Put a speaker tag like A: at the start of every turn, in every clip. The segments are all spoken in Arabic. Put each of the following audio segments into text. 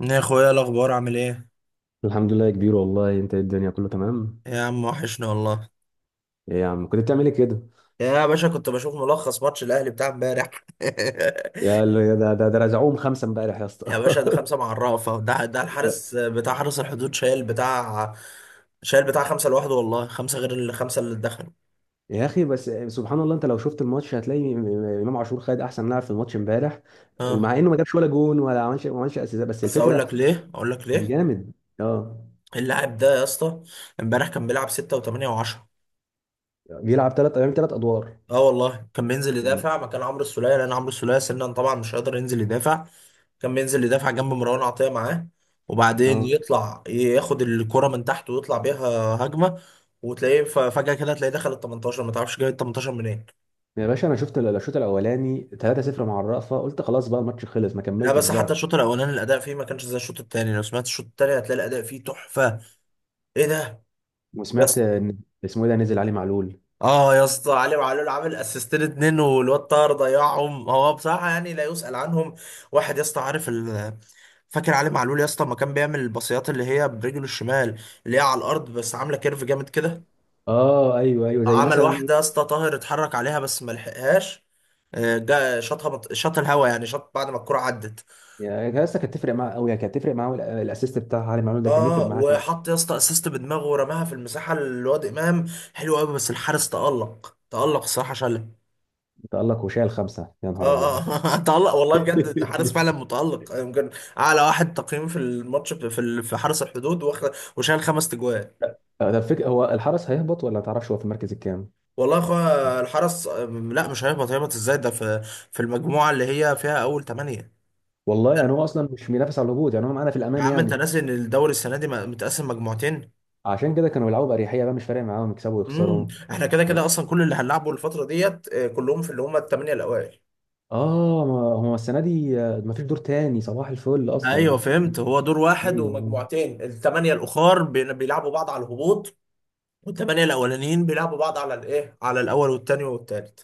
A: يا اخويا، إيه الاخبار؟ عامل ايه؟
B: الحمد لله يا كبير، والله انت ايه؟ الدنيا كله تمام.
A: يا عم، وحشنا والله.
B: ايه يا عم، كنت بتعمل ايه كده؟
A: يا باشا، كنت بشوف ملخص ماتش الاهلي بتاع امبارح.
B: يا ده رزعوهم خمسه امبارح يا اسطى.
A: يا باشا، ده خمسه مع الرافه، ده
B: يا
A: الحارس بتاع حارس الحدود شايل بتاع خمسه لوحده، والله خمسه غير الخمسه اللي دخلوا.
B: يا اخي، بس سبحان الله، انت لو شفت الماتش هتلاقي امام عاشور خد احسن لاعب في الماتش امبارح.
A: اه.
B: ومع انه ما جابش ولا جون ولا عملش ما عملش اسيست، بس
A: بس اقول
B: الفكره
A: لك ليه، اقول لك
B: كان
A: ليه.
B: جامد. اه،
A: اللاعب ده يا اسطى، امبارح كان بيلعب 6 و8 و10.
B: بيلعب ثلاث ايام ثلاث ادوار.
A: اه، والله كان بينزل
B: يعني-
A: يدافع مكان عمرو السولية، لان عمرو السولية سنا طبعا مش قادر ينزل يدافع. كان بينزل يدافع جنب مروان عطية معاه، وبعدين
B: اه
A: يطلع ياخد الكرة من تحت ويطلع بيها هجمة. وتلاقيه فجأة كده، تلاقيه دخل ال 18، ما تعرفش جاي ال 18 منين.
B: يا باشا، انا شفت الشوط الاولاني 3-0 مع الرأفة، قلت خلاص بقى الماتش خلص، ما
A: لا،
B: كملتش
A: بس حتى
B: بقى.
A: الشوط الأولاني الأداء فيه ما كانش زي الشوط التاني. لو سمعت الشوط التاني هتلاقي الأداء فيه تحفة. إيه ده؟ يا
B: وسمعت
A: اسطى.
B: ان اسمه ايه ده نزل علي معلول.
A: اه يا اسطى، علي معلول عامل اسيستين اتنين، والواد طاهر ضيعهم هو بصراحة، يعني لا يسأل عنهم. واحد يا اسطى، عارف، فاكر علي معلول يا اسطى ما كان بيعمل الباصيات اللي هي برجله الشمال، اللي هي على الارض بس عامله كيرف جامد كده؟
B: اه ايوه ايوه، زي
A: عمل
B: مثلا.
A: واحدة يا اسطى، طاهر اتحرك عليها بس ما لحقهاش. جا شاطها شاط الهوا، يعني شاط بعد ما الكرة عدت.
B: يا اسطى كانت تفرق معاه قوي، يعني كانت تفرق معاه، وال- الاسيست بتاع علي معلول ده كان يفرق
A: اه،
B: معاه
A: وحط يا اسطى اسيست بدماغه ورماها في المساحة لواد امام. حلو قوي، بس الحارس تألق، تألق الصراحة شالها.
B: تألق وشال خمسه يا نهار ابيض.
A: اه اه. تألق والله بجد، الحارس فعلا متألق، يمكن اعلى واحد تقييم في الماتش، في في حرس الحدود. وشال خمس تجوان.
B: ده الفكره، هو الحرس هيهبط ولا ما تعرفش؟ هو في المركز الكام؟
A: والله يا اخويا الحرس، لا مش هيهبط. هيهبط ازاي ده؟ في في المجموعة اللي هي فيها اول ثمانية.
B: والله يعني هو اصلا مش بينافس على الهبوط، يعني هو معانا في
A: يا
B: الامان
A: عم انت
B: يعني.
A: ناسي ان الدوري السنه دي متقسم مجموعتين؟
B: عشان كده كانوا بيلعبوا باريحيه بقى، مش فارق معاهم يكسبوا ويخسروا.
A: احنا كده كده اصلا كل اللي هنلعبه الفتره ديت، كلهم في اللي هم الثمانيه الاوائل.
B: اه، ما هو السنه دي ما فيش دور تاني، صباح الفل اصلا.
A: ايوه فهمت، هو دور واحد
B: ايوه،
A: ومجموعتين، الثمانيه الاخر بيلعبوا بعض على الهبوط، والثمانيه الاولانيين بيلعبوا بعض على الايه، على الاول والثاني والثالث.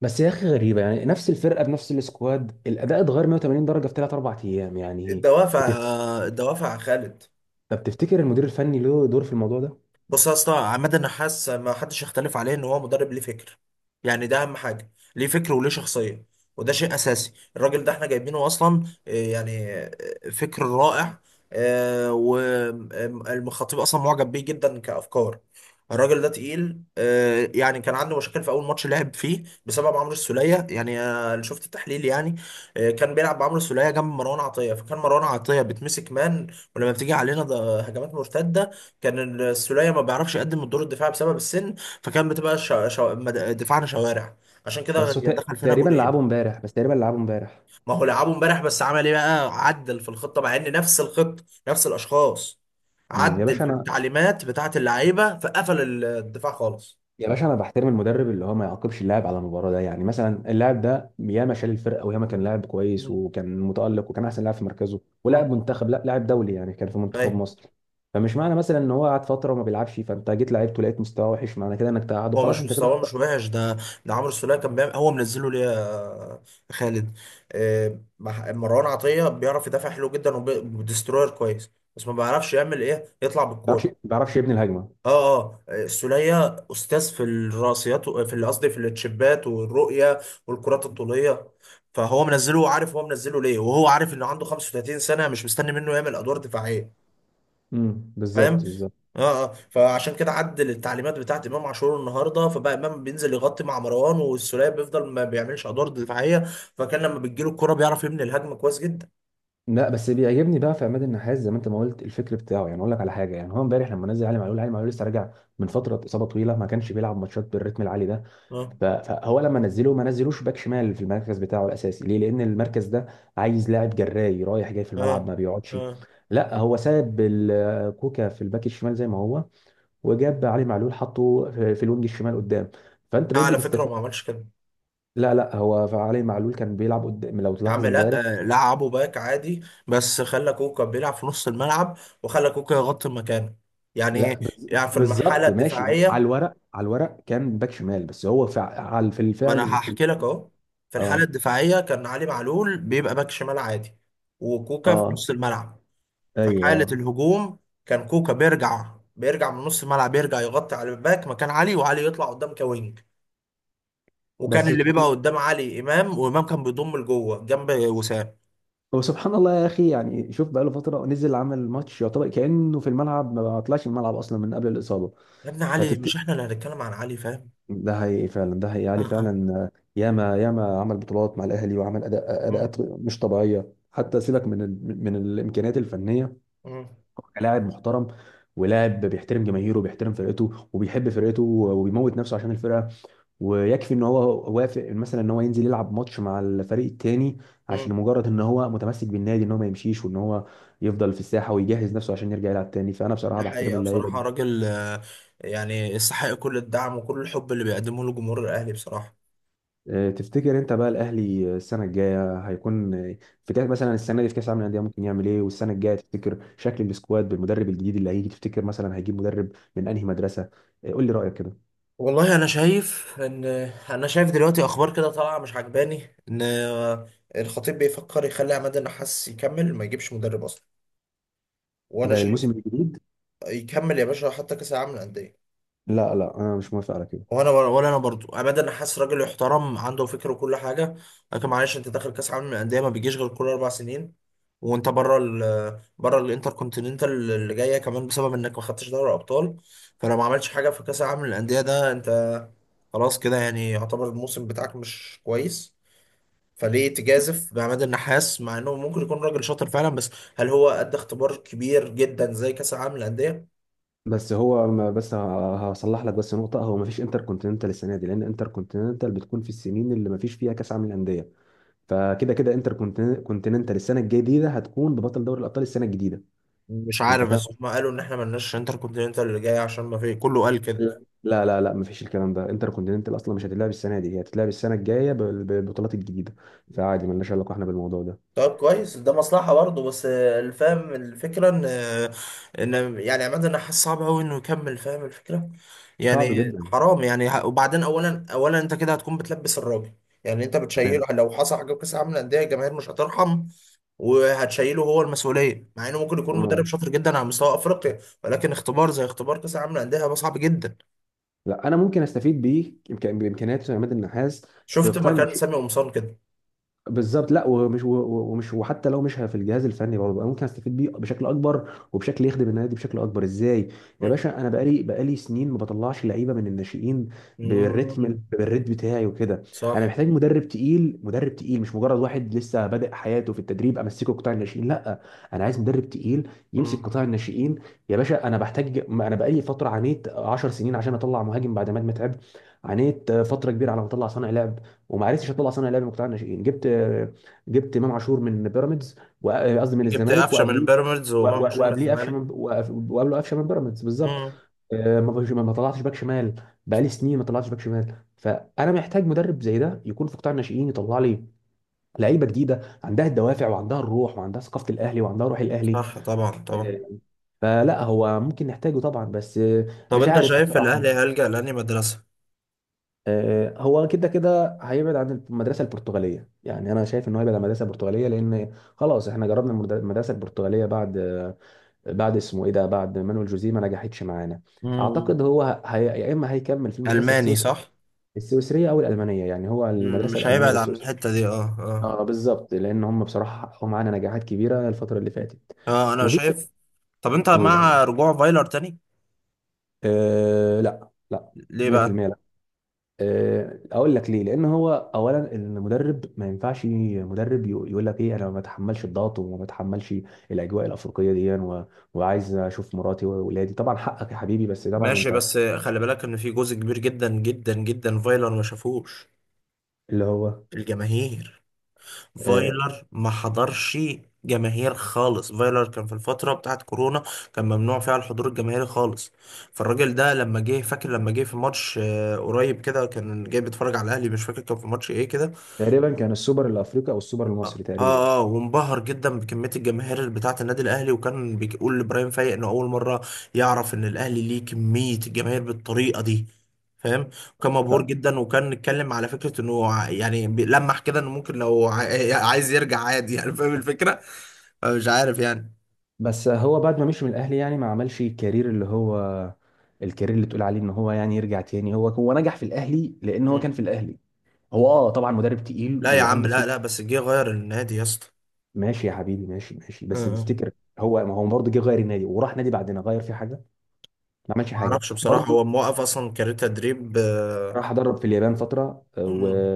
B: بس يا اخي غريبه يعني، نفس الفرقه بنفس السكواد، الاداء اتغير 180 درجه في ثلاث اربع ايام يعني.
A: الدوافع
B: تف-
A: آه، الدوافع يا خالد.
B: طب تفتكر المدير الفني له دور في الموضوع ده؟
A: بص يا اسطى، عماد النحاس ما حدش يختلف عليه ان هو مدرب ليه فكر. يعني ده اهم حاجه، ليه فكر وليه شخصيه. وده شيء اساسي، الراجل ده احنا جايبينه اصلا، يعني فكر رائع. والخطيب اصلا معجب بيه جدا كافكار. الراجل ده تقيل، يعني كان عنده مشاكل في اول ماتش لعب فيه بسبب عمرو السوليه، يعني، اللي شفت التحليل يعني. كان بيلعب بعمرو السوليه جنب مروان عطيه، فكان مروان عطيه بتمسك مان، ولما بتيجي علينا ده هجمات مرتده كان السولية ما بيعرفش يقدم الدور الدفاعي بسبب السن. فكان بتبقى دفاعنا شوارع. عشان كده
B: بس هو
A: دخل فينا
B: تقريبا لعبه
A: جولين.
B: امبارح، بس تقريبا لعبه امبارح.
A: ما هو لعبه امبارح، بس عمل ايه بقى؟ عدل في الخطة مع ان نفس الخطة نفس الاشخاص.
B: أمم، يا
A: عدل
B: باشا
A: في
B: انا
A: التعليمات بتاعة اللعيبة، فقفل الدفاع خالص.
B: يا باشا انا بحترم المدرب اللي هو ما يعاقبش اللاعب على المباراه ده، يعني مثلا اللاعب ده ياما شال الفرقه، وياما كان لاعب كويس،
A: مم.
B: وكان متالق، وكان احسن لاعب في مركزه، ولاعب
A: مم.
B: منتخب، لا لاعب دولي، يعني كان في منتخب
A: ايوه.
B: مصر. فمش معنى مثلا ان هو قعد فتره وما بيلعبش، فانت جيت لعبته لقيت مستواه وحش، معنى كده انك تقعده
A: هو
B: خلاص،
A: مش
B: انت كده
A: مستواه،
B: ما
A: مش وحش ده. ده عمرو السولية كان بيعمل، هو منزله ليا، خالد. مروان عطية بيعرف يدافع حلو جدا وديستروير كويس، بس ما بيعرفش يعمل ايه، يطلع
B: بيعرفش ما
A: بالكورة.
B: بيعرفش يبني الهجمه.
A: اه اه. السولية استاذ في الراسيات و- في اللي قصدي في التشيبات والرؤية والكرات الطولية. فهو منزله، عارف هو منزله ليه، وهو عارف انه عنده 35 سنة مش مستني منه يعمل ادوار دفاعية، فاهم.
B: بالظبط بالظبط.
A: اه اه. فعشان كده عدل التعليمات بتاعت امام عاشور النهارده، فبقى امام بينزل يغطي مع مروان، والسوليه بيفضل ما بيعملش ادوار دفاعيه، فكان لما بتجيله الكرة بيعرف يبني الهجمه كويس جدا.
B: لا بس بيعجبني بقى في عماد النحاس زي ما انت ما قلت، الفكر بتاعه. يعني اقول لك على حاجه، يعني هو امبارح لما نزل علي معلول، لسه راجع من فتره اصابه طويله، ما كانش بيلعب ماتشات بالريتم العالي ده.
A: اه
B: فهو لما نزله ما نزلوش باك شمال في المركز بتاعه الاساسي ليه؟ لان المركز ده عايز لاعب جراي رايح جاي في الملعب،
A: اه
B: ما بيقعدش.
A: اه.
B: لا هو ساب كوكا في الباك الشمال زي ما هو، وجاب علي معلول حطه في الوينج الشمال قدام. فانت
A: لا،
B: بقيت
A: على فكره هو
B: بتستفيد.
A: ما عملش كده.
B: لا لا، هو علي معلول كان بيلعب قدام لو
A: يا
B: تلاحظ
A: عم لا،
B: امبارح.
A: لعبه باك عادي، بس خلى كوكا بيلعب في نص الملعب، وخلى كوكا يغطي مكانه. يعني
B: لا
A: ايه؟ يعني في المرحله
B: بالظبط، ماشي هو على
A: الدفاعيه،
B: الورق، على الورق كان باك شمال، بس هو فع على في
A: ما
B: الفعل
A: انا
B: وفي ال...
A: هحكي لك اهو. في الحاله
B: اه
A: الدفاعيه كان علي معلول بيبقى باك شمال عادي، وكوكا في
B: اه
A: نص الملعب. في حالة
B: ايوه.
A: الهجوم كان كوكا بيرجع، بيرجع من نص الملعب، يرجع يغطي على الباك مكان علي، وعلي يطلع قدام كوينج. وكان
B: بس
A: اللي بيبقى
B: سبح-
A: قدام علي امام، وامام كان بيضم لجوه جنب وسام.
B: هو سبحان الله يا اخي، يعني شوف بقى، له فتره نزل عمل ماتش، يعتبر كانه في الملعب ما طلعش من الملعب اصلا من قبل الاصابه.
A: يا ابن علي،
B: فتفت
A: مش احنا اللي هنتكلم عن علي، فاهم.
B: ده حقيقي فعلا، ده حقيقي،
A: اه
B: علي
A: اه.
B: فعلا ياما ياما عمل بطولات مع الاهلي، وعمل
A: مم،
B: اداءات مش طبيعيه، حتى سيبك
A: اكيد.
B: من ال... من الامكانيات الفنيه
A: مم،
B: كلاعب محترم، ولاعب بيحترم جماهيره، وبيحترم فرقته، وبيحب فرقته، وبيموت نفسه عشان الفرقه. ويكفي ان هو وافق مثلا ان هو ينزل يلعب ماتش مع الفريق التاني، عشان
A: مم.
B: مجرد ان هو متمسك بالنادي، ان هو ما يمشيش، وان هو يفضل في الساحه ويجهز نفسه عشان يرجع يلعب تاني. فانا بصراحه
A: ده
B: بحترم
A: حقيقة
B: اللعيبه دي.
A: بصراحة راجل، يعني يستحق كل الدعم وكل الحب اللي بيقدمه له جمهور الاهلي بصراحة.
B: تفتكر انت بقى الاهلي السنه الجايه هيكون في كاس مثلا؟ السنه دي في كاس العالم للانديه ممكن يعمل ايه؟ والسنه الجايه تفتكر شكل السكواد بالمدرب الجديد اللي هيجي، تفتكر مثلا هيجيب مدرب من انهي مدرسه؟ قول لي رايك كده.
A: والله انا شايف ان، انا شايف دلوقتي اخبار كده طالعه مش عجباني، ان الخطيب بيفكر يخلي عماد النحاس يكمل، ما يجيبش مدرب اصلا. وانا
B: ده
A: شايف
B: الموسم الجديد.
A: يكمل يا باشا، حتى كاس العالم للانديه.
B: لا لا، انا مش موافق على كده.
A: وانا، ولا انا برضو ابدا، حاسس راجل يحترم، عنده فكر وكل حاجه، لكن معلش، انت داخل كاس عالم للانديه ما بيجيش غير كل اربع سنين، وانت بره بره الانتر كونتيننتال اللي جايه كمان بسبب انك ما خدتش دوري ابطال. فلو ما عملتش حاجه في كاس العالم للانديه ده، انت خلاص كده يعني يعتبر الموسم بتاعك مش كويس. فليه تجازف بعماد النحاس؟ مع انه ممكن يكون راجل شاطر فعلا، بس هل هو ادى اختبار كبير جدا زي كاس العالم للانديه؟
B: بس هو ما بس هصلح لك بس نقطه. هو ما فيش انتر كونتيننتال السنه دي، لان انتر كونتيننtal بتكون في السنين اللي ما فيش فيها كاس عالم للانديه. فكده كده انتر كونتيننتال السنه الجديده هتكون ببطل دوري الابطال السنه الجديده.
A: مش
B: انت
A: عارف،
B: فاهم
A: بس هم
B: قصدي؟
A: قالوا ان احنا ملناش انتر كونتيننتال اللي جاي عشان ما في، كله قال كده.
B: لا، ما فيش الكلام ده. انتر كونتيننتال اصلا مش هتتلعب السنه دي، هي هتتلعب السنه الجايه بالبطولات الجديده. فعادي، مالناش علاقه احنا بالموضوع ده.
A: طيب كويس، ده مصلحة برضه. بس، الفهم، الفكرة ان، ان يعني عماد النحاس صعب قوي انه يكمل، فاهم الفكرة.
B: صعب
A: يعني
B: جدا.
A: حرام، يعني وبعدين اولا، اولا انت كده هتكون بتلبس الراجل. يعني انت
B: تمام.
A: بتشيله، لو حصل حاجة في كأس العالم للأندية الجماهير مش هترحم، وهتشيله هو المسؤولية، مع انه ممكن يكون
B: اه
A: مدرب شاطر جدا على مستوى افريقيا، ولكن اختبار زي اختبار كأس العالم للأندية هيبقى صعب جدا.
B: لا، انا ممكن استفيد بيه بامكانيات عماد النحاس في
A: شفت
B: قطاع.
A: مكان سامي قمصان كده.
B: بالظبط، لا، ومش ومش، وحتى لو مش في الجهاز الفني برضه، أنا ممكن استفيد بيه بشكل اكبر وبشكل يخدم النادي بشكل اكبر. ازاي؟ يا باشا انا بقالي سنين ما بطلعش لعيبه من الناشئين بالريتم
A: مم.
B: بتاعي وكده. انا
A: صح.
B: محتاج مدرب تقيل، مش مجرد واحد لسه بادئ حياته في التدريب امسكه قطاع الناشئين، لا. انا عايز مدرب تقيل يمسك
A: مم.
B: قطاع الناشئين. يا باشا انا بحتاج، ما انا بقالي فتره عانيت 10 سنين عشان اطلع مهاجم بعد ما أنا تعبت، عانيت فتره كبيره على ما اطلع صانع لعب، وما عرفتش اطلع صانع لعب من مقتنع الناشئين. جبت امام عاشور من بيراميدز، قصدي من
A: جبت
B: الزمالك،
A: قفشه من
B: وقبليه
A: البيراميدز وامام عاشور من
B: وقبليه قفشه
A: الزمالك.
B: من وقبله قفشه من بيراميدز بالظبط.
A: مم.
B: ما طلعتش باك شمال، بقالي سنين ما طلعتش باك شمال. فانا محتاج مدرب زي ده يكون في قطاع الناشئين يطلع لي لعيبه جديده عندها الدوافع، وعندها الروح، وعندها ثقافه الاهلي، وعندها روح الاهلي.
A: صح طبعا، طبعا.
B: آه، فلا، هو ممكن نحتاجه طبعا بس.
A: طب
B: مش
A: انت
B: عارف
A: شايف
B: بصراحه.
A: الاهلي هيلجأ لاني مدرسه؟
B: هو كده كده هيبعد عن المدرسه البرتغاليه، يعني انا شايف ان هو هيبعد عن المدرسه البرتغاليه، لان خلاص احنا جربنا المدرسه البرتغاليه بعد بعد اسمه ايه ده، بعد مانويل جوزيه، ما نجحتش معانا.
A: مم.
B: اعتقد هو هي... يا اما هيكمل في المدرسه
A: الماني
B: السويس...
A: صح.
B: السويسريه او الالمانيه، يعني هو
A: مم.
B: المدرسه
A: مش
B: الالمانيه
A: هيبعد عن
B: والسويسريه.
A: الحته دي، اه اه
B: اه بالظبط، لان هم بصراحه حققوا معانا نجاحات كبيره الفتره اللي فاتت.
A: اه، انا
B: وفي
A: شايف. طب انت
B: قول يعني.
A: مع رجوع فايلر تاني؟
B: آه لا لا،
A: ليه بقى؟
B: 100%. اقول لك ليه. لان هو اولا المدرب ما ينفعش، مدرب يقول لك ايه، انا ما بتحملش الضغط، وما بتحملش الاجواء الافريقيه دي و... وعايز اشوف مراتي واولادي، طبعا حقك يا حبيبي بس طبعا
A: ماشي،
B: انت.
A: بس خلي بالك ان في جزء كبير جدا جدا جدا فايلر ما شافوش،
B: اللي هو
A: الجماهير.
B: آه،
A: فايلر ما حضرش جماهير خالص، فايلر كان في الفترة بتاعت كورونا، كان ممنوع فيها الحضور الجماهيري خالص. فالراجل ده لما جه، فاكر لما جه في ماتش، قريب كده، كان جاي بيتفرج على الاهلي، مش فاكر كان في ماتش ايه كده.
B: تقريبا كان السوبر الافريقي او السوبر
A: اه
B: المصري تقريبا.
A: اه. وانبهر جدا بكميه الجماهير اللي بتاعه النادي الاهلي، وكان بيقول لابراهيم فايق انه اول مره يعرف ان الاهلي ليه كميه الجماهير بالطريقه دي، فاهم. وكان مبهور
B: ف...
A: جدا، وكان اتكلم على فكره انه يعني لمح كده انه ممكن لو عايز يرجع عادي، يعني فاهم الفكره، مش عارف يعني.
B: بس هو بعد ما مشي من الاهلي يعني ما عملش الكارير اللي هو اللي تقول عليه ان هو يعني يرجع تاني، هو نجح في الاهلي لان هو
A: مم.
B: كان في الاهلي. هو اه طبعا مدرب تقيل
A: لا يا عم،
B: وعنده.
A: لا لا، بس جه غير النادي يا اسطى.
B: ماشي يا حبيبي، ماشي، بس
A: اه،
B: تفتكر هو ما هو برضه جه غير النادي وراح نادي بعدنا غير فيه حاجه؟ ما عملش
A: ما
B: حاجه
A: اعرفش بصراحه،
B: برضه.
A: هو موقف اصلا، كارير تدريب.
B: راح ادرب في اليابان فتره و...
A: مم.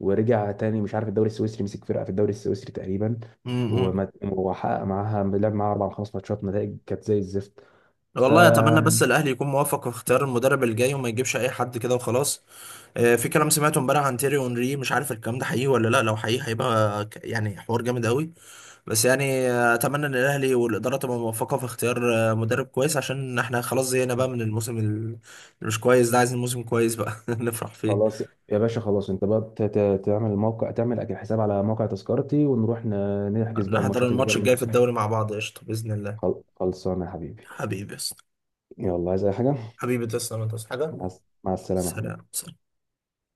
B: ورجع تاني مش عارف، الدوري السويسري مسك فرقه في الدوري السويسري تقريبا،
A: مم.
B: وحقق معاها، لعب معاها اربع أو خمس ماتشات، نتائج كانت زي الزفت. ف
A: والله اتمنى بس الاهلي يكون موفق في اختيار المدرب الجاي، وما يجيبش اي حد كده وخلاص. في كلام سمعته امبارح عن تيري اونري، مش عارف الكلام ده حقيقي ولا لا، لو حقيقي هيبقى يعني حوار جامد قوي. بس يعني، اتمنى ان الاهلي والاداره تبقى موفقه في اختيار مدرب كويس، عشان احنا خلاص زهقنا بقى من الموسم اللي مش كويس ده. عايزين موسم كويس بقى نفرح فيه.
B: خلاص. يا باشا خلاص، انت بقى تعمل موقع، تعمل اكيد حساب على موقع تذكرتي، ونروح نحجز بقى
A: نحضر
B: الماتشات اللي جايه
A: الماتش
B: من
A: الجاي في
B: مصر.
A: الدوري مع بعض، قشطه، باذن الله.
B: خلصانه يا حبيبي.
A: حبيبي يا اسطى.
B: يلا، عايز اي حاجه؟
A: حبيبي، تسلم، ما
B: مع السلامه يا
A: حاجه.
B: حبيبي.
A: سلام.